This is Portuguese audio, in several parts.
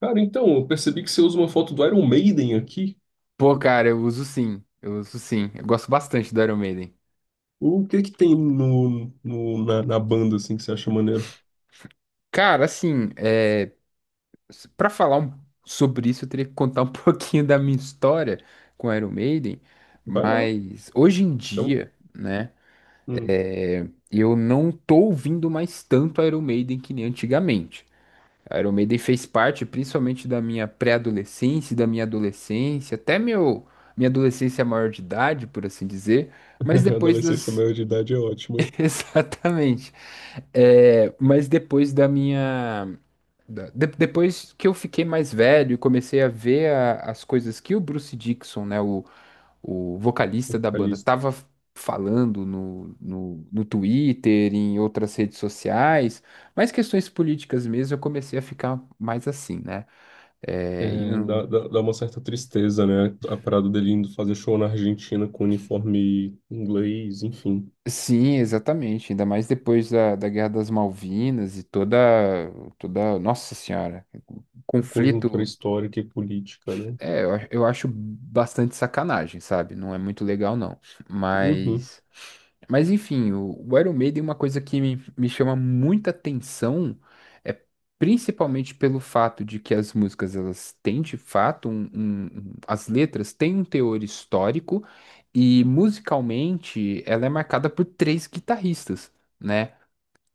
Cara, então, eu percebi que você usa uma foto do Iron Maiden aqui. Pô, cara, eu uso sim. Eu uso sim. Eu gosto bastante do Iron Maiden. O que que tem na banda, assim, que você acha maneiro? Cara, assim, é... para falar um- sobre isso, eu teria que contar um pouquinho da minha história com Iron Maiden. Vai lá. Mas hoje em Então, dia, né, hum. eu não tô ouvindo mais tanto Iron Maiden que nem antigamente. Iron Maiden fez parte principalmente da minha pré-adolescência, e da minha adolescência, minha adolescência maior de idade, por assim dizer. Mas depois Adolescência das. maior de idade é ótimo, hein? Exatamente. É, mas depois da minha. Depois que eu fiquei mais velho e comecei a ver as coisas que o Bruce Dickinson, né, o vocalista da A banda, lista. tava falando no Twitter, em outras redes sociais, mais questões políticas mesmo, eu comecei a ficar mais assim, né? É, e É, dá, não- dá, dá uma certa tristeza, né? A parada dele indo fazer show na Argentina com uniforme inglês, enfim. Sim, exatamente. Ainda mais depois da Guerra das Malvinas e toda, toda, nossa senhora, A conjuntura conflito. histórica e política, né? É, eu acho bastante sacanagem, sabe? Não é muito legal, não. Uhum. Mas. Mas enfim, o Iron Maiden, uma coisa que me chama muita atenção é principalmente pelo fato de que as músicas, elas têm de fato as letras têm um teor histórico e musicalmente ela é marcada por três guitarristas, né?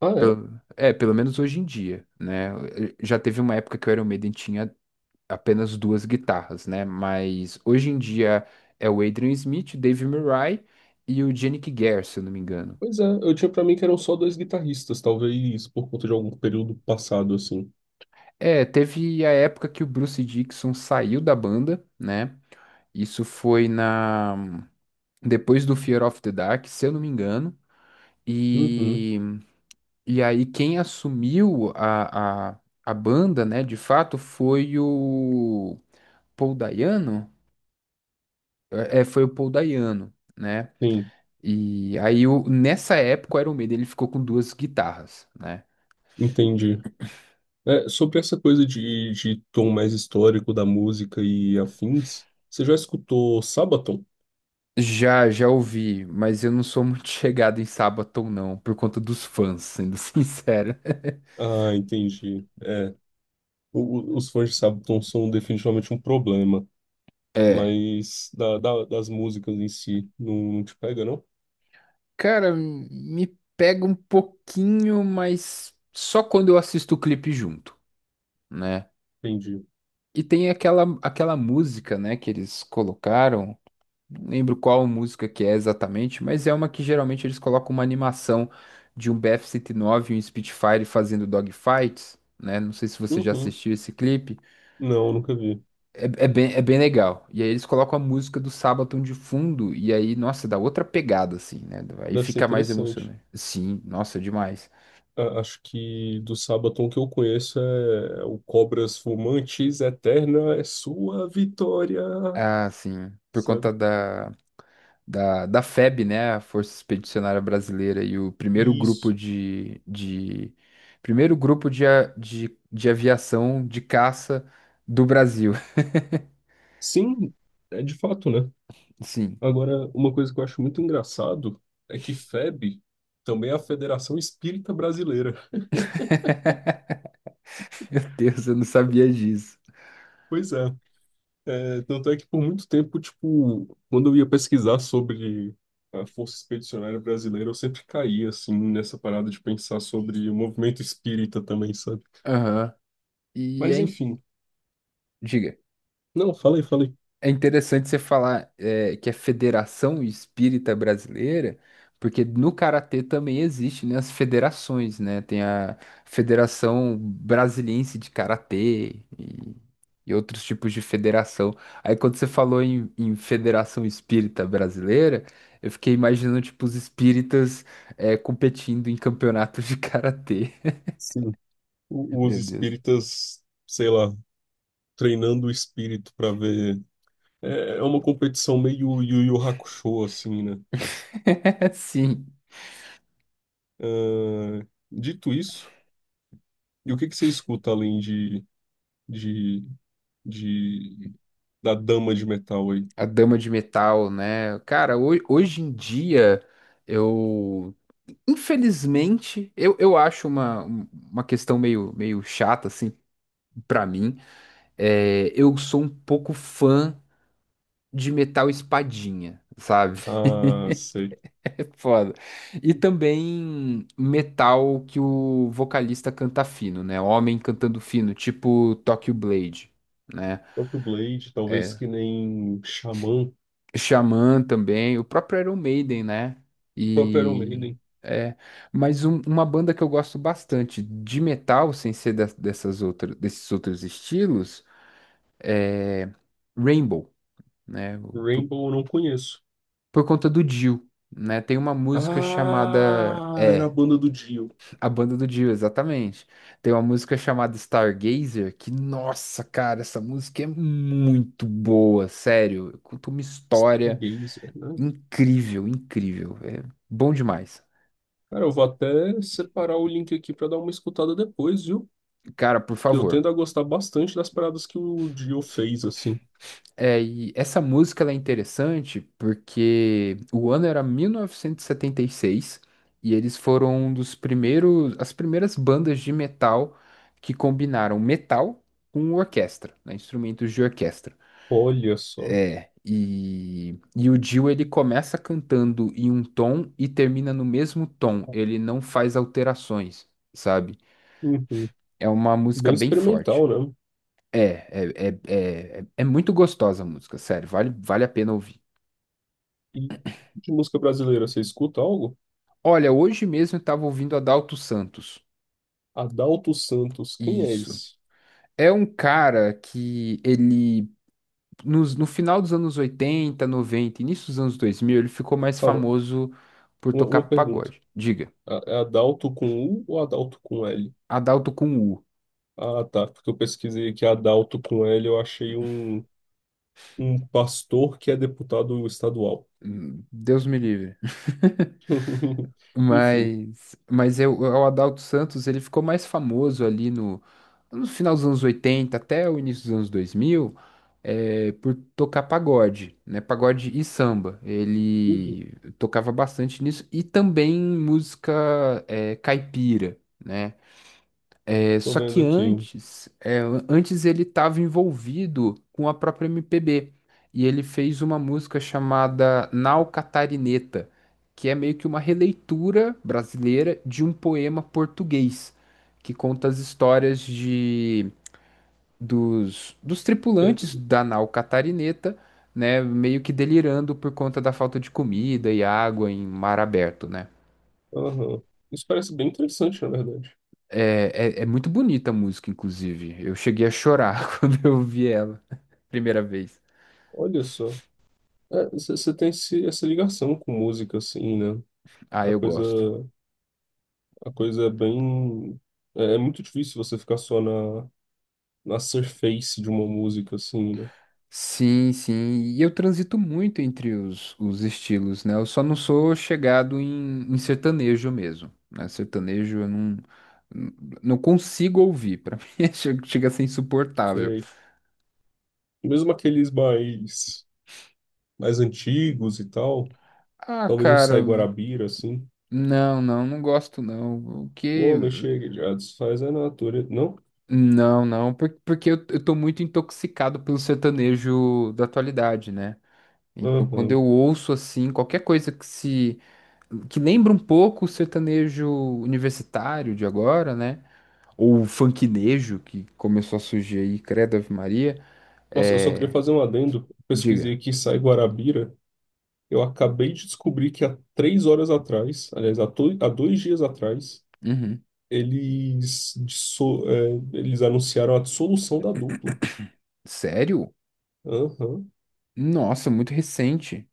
Ah, é? Pelo- É, pelo menos hoje em dia, né? Já teve uma época que o Iron Maiden tinha apenas duas guitarras, né? Mas hoje em dia é o Adrian Smith, o Dave Murray e o Yannick Gare, se eu não me engano. Pois é, eu tinha pra mim que eram só dois guitarristas, talvez por conta de algum período passado, assim. É, teve a época que o Bruce Dickinson saiu da banda, né? Isso foi na depois do Fear of the Dark, se eu não me engano. Uhum. E, e aí quem assumiu a banda, né, de fato, foi o Paul Dayano. É, é, foi o Paul Dayano, né? Sim, E aí, nessa época, o Iron Maiden ele ficou com duas guitarras, né? entendi. É, sobre essa coisa de tom mais histórico da música e afins, você já escutou Sabaton? Já, já ouvi, mas eu não sou muito chegado em Sabaton, não, por conta dos fãs, sendo sincero. Ah, entendi. É, os fãs de Sabaton são definitivamente um problema, É, mas das músicas em si não, não te pega, não? cara, me pega um pouquinho, mas só quando eu assisto o clipe junto, né? Entendi. E tem aquela música, né, que eles colocaram. Não lembro qual música que é exatamente, mas é uma que geralmente eles colocam uma animação de um BF-109 e nove e um Spitfire fazendo dogfights, né? Não sei se você já Uhum. assistiu esse clipe. Não, nunca vi. É, é bem legal. E aí eles colocam a música do Sabaton de fundo, e aí, nossa, dá outra pegada, assim, né? Aí Deve ser fica mais interessante. emocionante. Sim, nossa, demais. Acho que do Sabaton que eu conheço é o Cobras Fumantes, Eterna é sua vitória, Ah, sim, por conta sabe? da FEB, né, a Força Expedicionária Brasileira, e o primeiro grupo Isso. De primeiro grupo de, de aviação de caça do Brasil. Sim, é de fato, né? Sim, Agora, uma coisa que eu acho muito engraçado é que FEB também é a Federação Espírita Brasileira. meu Deus, eu não sabia disso. Pois é. É, tanto é que por muito tempo, tipo, quando eu ia pesquisar sobre a Força Expedicionária Brasileira, eu sempre caía, assim, nessa parada de pensar sobre o movimento espírita também, sabe? Aham. E Mas é, in- enfim. Diga. Não, falei, falei. É interessante você falar eh, que é Federação Espírita Brasileira, porque no karatê também existe, né, as federações, né? Tem a Federação Brasiliense de Karatê e outros tipos de federação. Aí quando você falou em Federação Espírita Brasileira, eu fiquei imaginando tipo os espíritas eh, competindo em campeonatos de karatê. Sim. Os Meu Deus. espíritas, sei lá, treinando o espírito para ver. É uma competição meio Yu Yu Hakusho, assim, né? Sim. Ah, dito isso, e o que que você escuta além de, de da dama de metal aí? A Dama de Metal, né? Cara, hoje em dia, eu. Infelizmente, eu acho uma questão meio, meio chata, assim, pra mim. É, eu sou um pouco fã de metal espadinha, sabe? Ah, sei. É foda. E também metal que o vocalista canta fino, né? Homem cantando fino, tipo Tokyo Blade, né? Próprio Blade, talvez É, que nem Xamã, Xamã também, o próprio Iron Maiden, né? próprio Iron E Maiden. é, mas uma banda que eu gosto bastante de metal, sem ser dessas outras, desses outros estilos, é Rainbow, né? Rainbow eu não conheço. Por conta do Dio, né? Tem uma música chamada Ah, era a é, banda do Dio. a banda do Dio, exatamente. Tem uma música chamada Stargazer que, nossa, cara, essa música é muito boa, sério. Conta uma história. Stargazer, né? Incrível, incrível. É bom demais. Cara, eu vou até separar o link aqui pra dar uma escutada depois, viu? Cara, por Que eu favor. tendo a gostar bastante das paradas que o Dio fez, assim. É, e essa música ela é interessante porque o ano era 1976 e 76 e eles foram um dos primeiros, as primeiras bandas de metal que combinaram metal com orquestra, né, instrumentos de orquestra. Olha só. É, e o Dio ele começa cantando em um tom e termina no mesmo tom. Ele não faz alterações, sabe? Uhum. É uma música Bem bem forte. experimental, né? É, é, é, é, é é muito gostosa a música, sério, vale, vale a pena ouvir. E de música brasileira, você escuta algo? Olha, hoje mesmo eu tava ouvindo Adalto Santos. Adalto Santos, quem é Isso. esse? É um cara que ele, no final dos anos 80, 90, início dos anos 2000, ele ficou mais Calma, famoso por uma, tocar uma pergunta. pagode. Diga, A- É Adalto com U ou Adalto com L? Adalto com U. Ah, tá, porque eu pesquisei aqui Adalto com L, eu achei um, pastor que é deputado estadual. Deus me livre. Enfim. Mas eu, o Adalto Santos, ele ficou mais famoso ali no, no final dos anos 80 até o início dos anos 2000, eh, por tocar pagode, né? Pagode e samba. Uhum. Ele tocava bastante nisso e também música, eh, caipira, né? É, Tô só vendo que aqui. antes, é, antes ele estava envolvido com a própria MPB e ele fez uma música chamada Nau Catarineta, que é meio que uma releitura brasileira de um poema português que conta as histórias de dos É. tripulantes da nau Catarineta, né, meio que delirando por conta da falta de comida e água em mar aberto, né? Aham. Isso parece bem interessante, na verdade. É, é, é muito bonita a música, inclusive. Eu cheguei a chorar quando eu vi ela, primeira vez. Olha só. É, você tem essa ligação com música, assim, né? Ah, A eu coisa. gosto. A coisa é bem. É, é muito difícil você ficar só na surface de uma música, assim, né? Sim, sim. E eu transito muito entre os estilos, né? Eu só não sou chegado em sertanejo mesmo, né? Sertanejo eu não, não consigo ouvir. Pra mim é- chega a ser insuportável. Sei. Mesmo aqueles mais antigos e tal, Ah, talvez um cara, Sai Guarabira, assim. não, não, não gosto não. O O que? homem chega e já desfaz a natureza. Não? Não, não, por- porque eu tô muito intoxicado pelo sertanejo da atualidade, né? Então, quando Aham. eu ouço assim, qualquer coisa que se que lembra um pouco o sertanejo universitário de agora, né? Ou o funknejo que começou a surgir aí, credo Ave Maria, Nossa, eu só queria é, fazer um adendo. diga. Pesquisei aqui Sai Guarabira. Eu acabei de descobrir que há 3 horas atrás, aliás, há 2 dias atrás, Uhum. eles anunciaram a dissolução da dupla. Sério? Aham. Nossa, muito recente.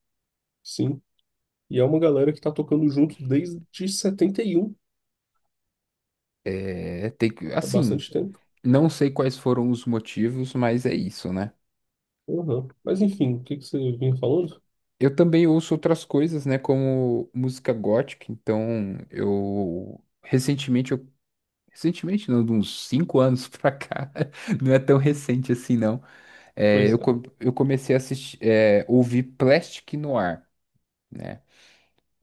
Sim. E é uma galera que tá tocando junto desde 71. É, tem que, É assim, bastante tempo. não sei quais foram os motivos, mas é isso, né? Aham. Mas enfim, o que que você vinha falando? Eu também ouço outras coisas, né, como música gótica, então eu, recentemente não, de uns 5 anos pra cá, não é tão recente assim não, é, Pois é. Eu comecei a assistir, é, ouvir Plastic Noir, né,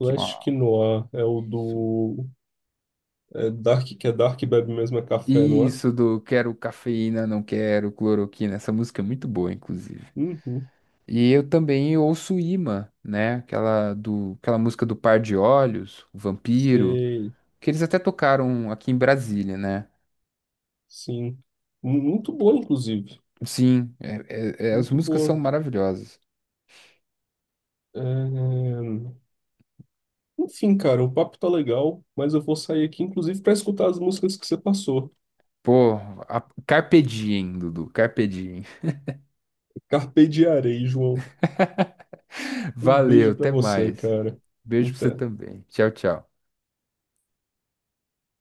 que é uma, Noir é o isso, do. É Dark, que é Dark Bebe mesmo é café, não é? isso do quero cafeína, não quero cloroquina, essa música é muito boa, inclusive. Uhum. E eu também ouço Imã, né, aquela, do, aquela música do Par de Olhos, o Vampiro, Sei. que eles até tocaram aqui em Brasília, né? Sim. Muito boa, inclusive. Sim, é- é- é, as Muito músicas são boa. maravilhosas. É, é, Enfim, cara, o papo tá legal, mas eu vou sair aqui, inclusive, pra escutar as músicas que você passou. Pô, a, Carpe Diem, Dudu, Carpe Diem. Carpe Diarei, João. Um Valeu, beijo pra até você, mais. cara. Beijo pra você Até. também. Tchau, tchau.